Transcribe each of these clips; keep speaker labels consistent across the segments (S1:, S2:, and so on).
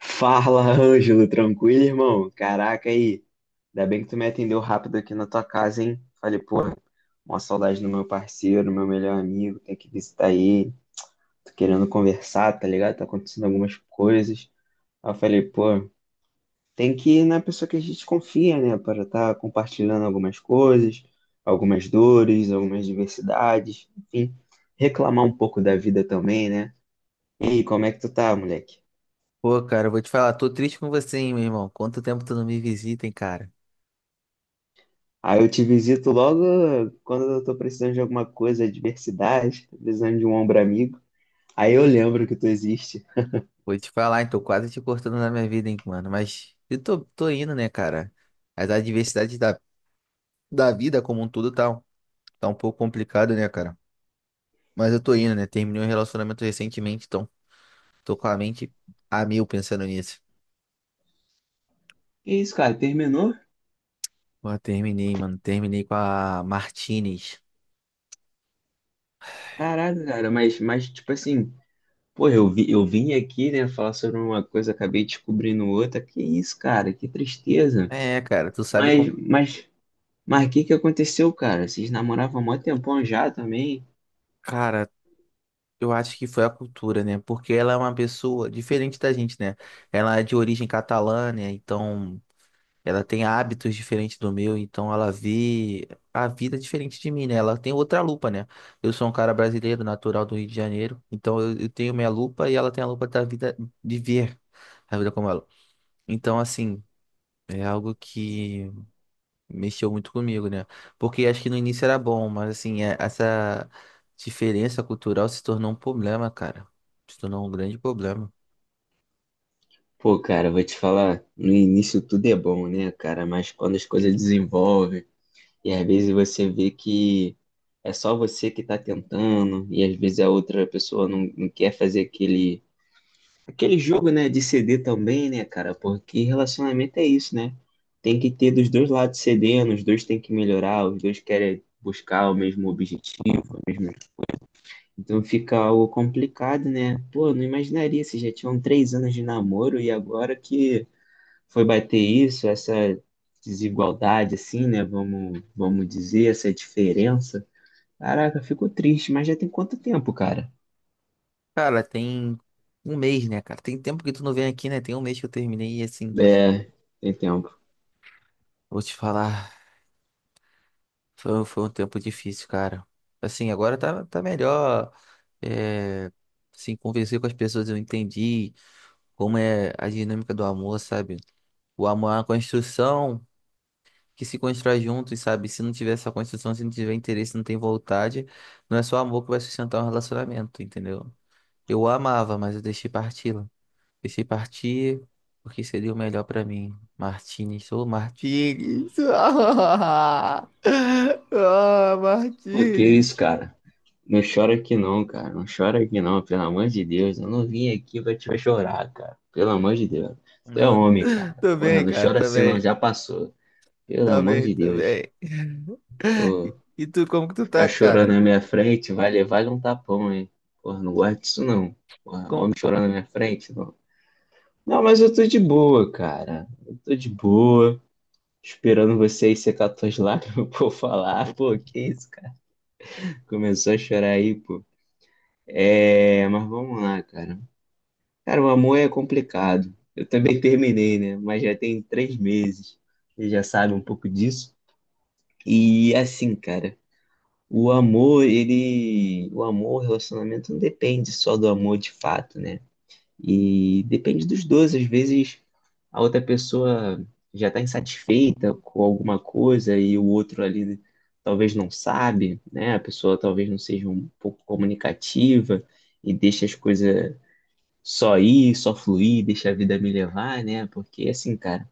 S1: Fala, Ângelo, tranquilo, irmão? Caraca, aí. Ainda bem que tu me atendeu rápido aqui na tua casa, hein? Falei, pô, uma saudade do meu parceiro, meu melhor amigo, tem que visitar ele. Tô querendo conversar, tá ligado? Tá acontecendo algumas coisas. Aí eu falei, pô, tem que ir na pessoa que a gente confia, né? Para estar compartilhando algumas coisas, algumas dores, algumas diversidades, enfim, reclamar um pouco da vida também, né? E aí, como é que tu tá, moleque?
S2: Pô, cara, eu vou te falar, tô triste com você, hein, meu irmão. Quanto tempo tu não me visita, hein, cara?
S1: Aí eu te visito logo quando eu tô precisando de alguma coisa, adversidade, tô precisando de um ombro amigo. Aí eu lembro que tu existe.
S2: Vou te falar, hein, tô quase te cortando na minha vida, hein, mano. Mas eu tô indo, né, cara? As adversidades da vida como um todo tá um pouco complicado, né, cara? Mas eu tô indo, né? Terminei um relacionamento recentemente, então tô com a mente. A mil pensando nisso.
S1: Que isso, cara? Terminou?
S2: Pô, terminei, mano. Terminei com a Martinez.
S1: Caraca, cara, mas tipo assim, pô, eu vi, eu vim aqui, né, falar sobre uma coisa, acabei descobrindo outra. Que isso, cara? Que tristeza.
S2: É, cara, tu sabe
S1: Mas,
S2: como.
S1: mas, mas o que que aconteceu, cara? Vocês namoravam há mó tempão já também?
S2: Cara, eu acho que foi a cultura, né? Porque ela é uma pessoa diferente da gente, né? Ela é de origem catalã, né? Então, ela tem hábitos diferentes do meu, então ela vê a vida diferente de mim, né? Ela tem outra lupa, né? Eu sou um cara brasileiro, natural do Rio de Janeiro, então eu tenho minha lupa e ela tem a lupa da vida de ver a vida como ela. Então, assim, é algo que mexeu muito comigo, né? Porque acho que no início era bom, mas assim, essa diferença cultural se tornou um problema, cara. Se tornou um grande problema.
S1: Pô, cara, vou te falar, no início tudo é bom, né, cara? Mas quando as coisas desenvolvem e às vezes você vê que é só você que está tentando, e às vezes a outra pessoa não quer fazer aquele jogo, né, de ceder também, né, cara? Porque relacionamento é isso, né? Tem que ter dos dois lados cedendo, os dois têm que melhorar, os dois querem buscar o mesmo objetivo, o mesmo- Então fica algo complicado, né? Pô, não imaginaria se já tinham 3 anos de namoro e agora que foi bater isso, essa desigualdade, assim, né? Vamos dizer, essa diferença. Caraca, ficou triste, mas já tem quanto tempo, cara?
S2: Cara, tem um mês, né, cara? Tem tempo que tu não vem aqui, né? Tem um mês que eu terminei e assim,
S1: É, tem tempo.
S2: vou te falar, foi um tempo difícil, cara. Assim, agora tá melhor. É, assim, conversei com as pessoas, eu entendi como é a dinâmica do amor, sabe? O amor é uma construção que se constrói juntos, sabe? Se não tiver essa construção, se não tiver interesse, não tem vontade, não é só amor que vai sustentar um relacionamento, entendeu? Eu a amava, mas eu deixei partir porque seria o melhor pra mim. Martínez, ô Martínez! Ah,
S1: Pô, que isso,
S2: Martínez!
S1: cara? Não chora aqui não, cara. Não chora aqui não, pelo amor de Deus. Eu não vim aqui pra te ver chorar, cara. Pelo amor de Deus. Você é
S2: Não,
S1: homem, cara.
S2: tô
S1: Porra,
S2: bem,
S1: não
S2: cara,
S1: chora
S2: tá
S1: assim não,
S2: bem.
S1: já passou. Pelo
S2: Tá
S1: amor
S2: bem,
S1: de
S2: tá
S1: Deus.
S2: bem.
S1: Ô,
S2: E tu, como que tu
S1: ficar
S2: tá, cara?
S1: chorando na minha frente vai levar um tapão, hein? Porra, não gosto disso, não. Porra,
S2: Com...
S1: homem chorando na minha frente, não. Não, mas eu tô de boa, cara. Eu tô de boa, esperando você aí secar tuas lágrimas, pô, falar. Pô, que isso, cara? Começou a chorar aí, pô. É, mas vamos lá, cara. Cara, o amor é complicado. Eu também terminei, né? Mas já tem 3 meses. Você já sabe um pouco disso. E assim, cara, o amor, ele. O amor, o relacionamento não depende só do amor de fato, né? E depende dos dois. Às vezes a outra pessoa já está insatisfeita com alguma coisa e o outro ali talvez não sabe, né? A pessoa talvez não seja um pouco comunicativa e deixa as coisas só ir, só fluir, deixa a vida me levar, né? Porque assim, cara.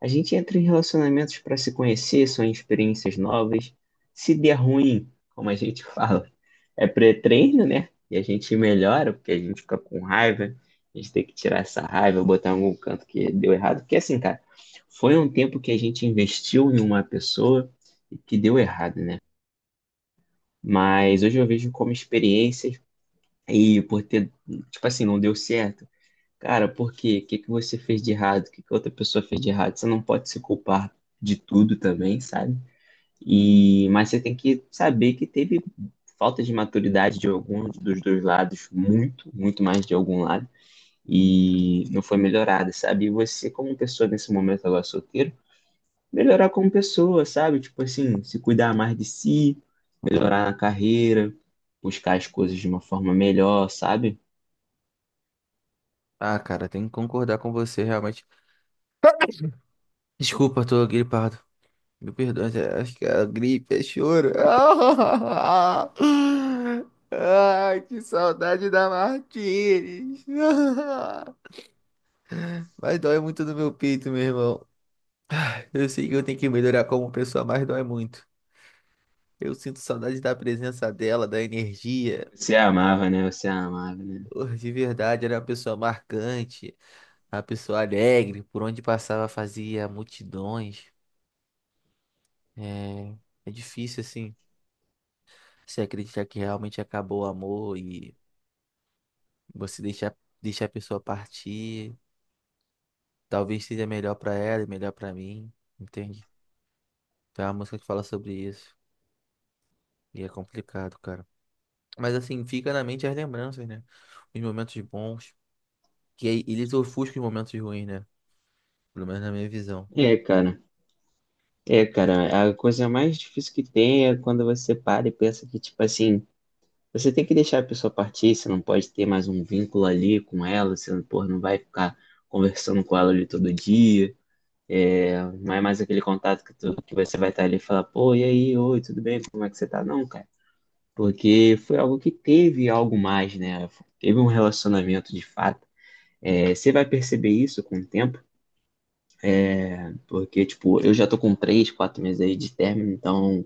S1: A gente entra em relacionamentos para se conhecer, são experiências novas. Se der ruim, como a gente fala, é pré-treino, né? E a gente melhora, porque a gente fica com raiva. A gente tem que tirar essa raiva, botar em algum canto que deu errado. Porque assim, cara, foi um tempo que a gente investiu em uma pessoa e que deu errado, né? Mas hoje eu vejo como experiências e por ter, tipo assim, não deu certo. Cara, por quê? O que que você fez de errado? O que que outra pessoa fez de errado? Você não pode se culpar de tudo também, sabe? E mas você tem que saber que teve falta de maturidade de algum dos dois lados, muito, muito mais de algum lado, e não foi melhorada, sabe? E você, como pessoa nesse momento agora solteiro, melhorar como pessoa, sabe? Tipo assim, se cuidar mais de si, melhorar na carreira, buscar as coisas de uma forma melhor, sabe?
S2: Ah, cara, tenho que concordar com você, realmente. Desculpa, tô gripado. Meu perdão, acho que é a gripe, é choro. Ai, que saudade da Martires. Mas dói muito no meu peito, meu irmão. Eu sei que eu tenho que melhorar como pessoa, mas dói muito. Eu sinto saudade da presença dela, da energia.
S1: Você amava, né? Você amava, né?
S2: Oh, de verdade, era uma pessoa marcante, uma pessoa alegre, por onde passava fazia multidões. É, é difícil, assim, se acreditar que realmente acabou o amor e. Você deixar a pessoa partir, talvez seja melhor pra ela e melhor pra mim, entende? Então é uma música que fala sobre isso. E é complicado, cara. Mas assim, fica na mente as lembranças, né? Os momentos bons. Que aí eles ofuscam os momentos ruins, né? Pelo menos na minha visão.
S1: É, cara. É, cara, a coisa mais difícil que tem é quando você para e pensa que, tipo assim, você tem que deixar a pessoa partir, você não pode ter mais um vínculo ali com ela, você, não pô, não vai ficar conversando com ela ali todo dia, não é mais aquele contato que, tu, que você vai estar ali e falar, pô, e aí, oi, tudo bem, como é que você tá? Não, cara, porque foi algo que teve algo mais, né? Teve um relacionamento de fato. É, você vai perceber isso com o tempo, porque, tipo, eu já tô com 3, 4 meses aí de término, então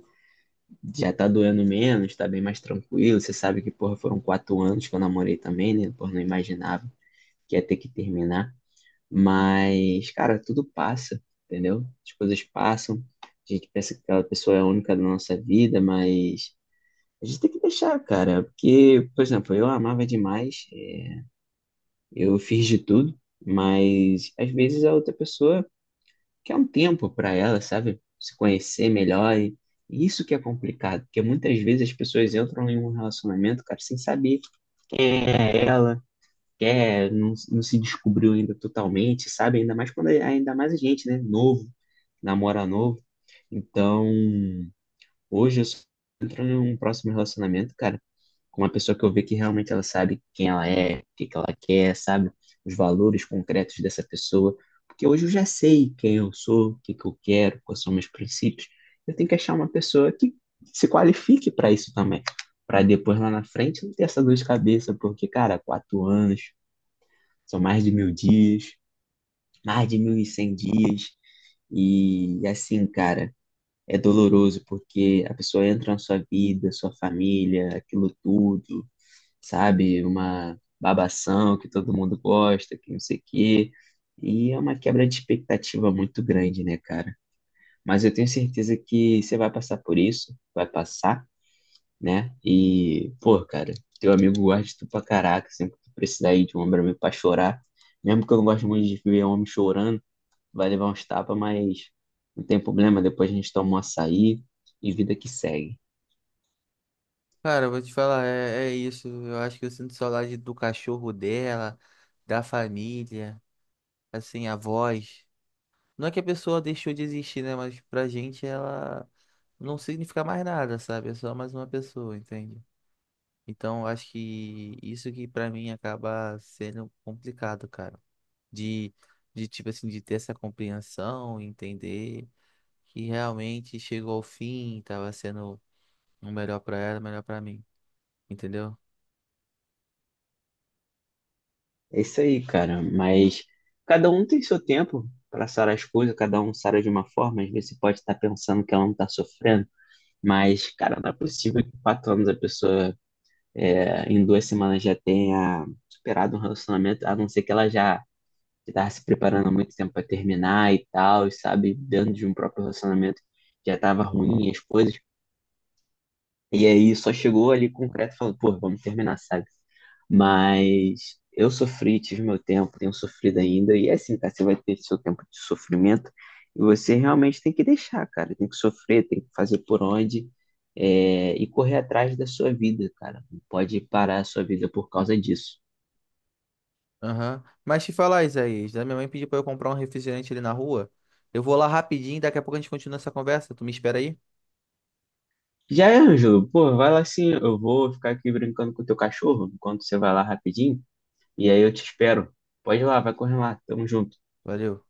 S1: já tá doendo menos, tá bem mais tranquilo. Você sabe que, porra, foram 4 anos que eu namorei também, né? Porra, não imaginava que ia ter que terminar. Mas, cara, tudo passa, entendeu? As coisas passam. A gente pensa que aquela pessoa é a única da nossa vida, mas a gente tem que deixar, cara. Porque, por exemplo, eu amava demais, é, eu fiz de tudo, mas às vezes a outra pessoa que é um tempo para ela, sabe? Se conhecer melhor. E isso que é complicado, porque muitas vezes as pessoas entram em um relacionamento, cara, sem saber quem é ela, quem é, não, não se descobriu ainda totalmente, sabe? Ainda mais quando é, ainda mais a gente, né? Novo, namora novo. Então, hoje eu só entro num próximo relacionamento, cara, com uma pessoa que eu ver que realmente ela sabe quem ela é, o que que ela quer, sabe? Os valores concretos dessa pessoa. Porque hoje eu já sei quem eu sou, o que que eu quero, quais são meus princípios. Eu tenho que achar uma pessoa que se qualifique para isso também. Para depois lá na frente não ter essa dor de cabeça, porque, cara, 4 anos, são mais de 1.000 dias, mais de 1.100 dias. E assim, cara, é doloroso porque a pessoa entra na sua vida, sua família, aquilo tudo, sabe? Uma babação que todo mundo gosta, que não sei o quê. E é uma quebra de expectativa muito grande, né, cara? Mas eu tenho certeza que você vai passar por isso, vai passar, né? E, pô, cara, teu amigo gosta de tu pra caraca, sempre que tu precisar ir de um homem pra mim pra chorar. Mesmo que eu não gosto muito de ver homem chorando, vai levar uns tapas, mas não tem problema. Depois a gente toma um açaí e vida que segue.
S2: Cara, eu vou te falar, é, é isso. Eu acho que eu sinto saudade do cachorro dela, da família, assim, a voz. Não é que a pessoa deixou de existir, né? Mas pra gente ela não significa mais nada, sabe? É só mais uma pessoa, entende? Então, eu acho que isso que pra mim acaba sendo complicado, cara. De, de tipo assim, de ter essa compreensão, entender que realmente chegou ao fim, tava sendo o melhor pra ela, o melhor pra mim, entendeu?
S1: É isso aí, cara. Mas cada um tem seu tempo para sarar as coisas, cada um sara de uma forma. Às vezes você pode estar pensando que ela não está sofrendo, mas, cara, não é possível que em 4 anos a pessoa, é, em 2 semanas, já tenha superado um relacionamento, a não ser que ela já estava se preparando há muito tempo para terminar e tal, e sabe, dentro de um próprio relacionamento já estava ruim as coisas. E aí só chegou ali concreto falando, pô, vamos terminar, sabe? Mas eu sofri, tive meu tempo, tenho sofrido ainda. E é assim, cara, você vai ter seu tempo de sofrimento e você realmente tem que deixar, cara. Tem que sofrer, tem que fazer por onde é, e correr atrás da sua vida, cara. Não pode parar a sua vida por causa disso.
S2: Aham. Mas te falar, Isaías, né? Minha mãe pediu pra eu comprar um refrigerante ali na rua. Eu vou lá rapidinho, daqui a pouco a gente continua essa conversa. Tu me espera aí?
S1: Já é, Ângelo, pô, vai lá assim, eu vou ficar aqui brincando com o teu cachorro enquanto você vai lá rapidinho. E aí eu te espero. Pode ir lá, vai correr lá. Tamo junto.
S2: Valeu.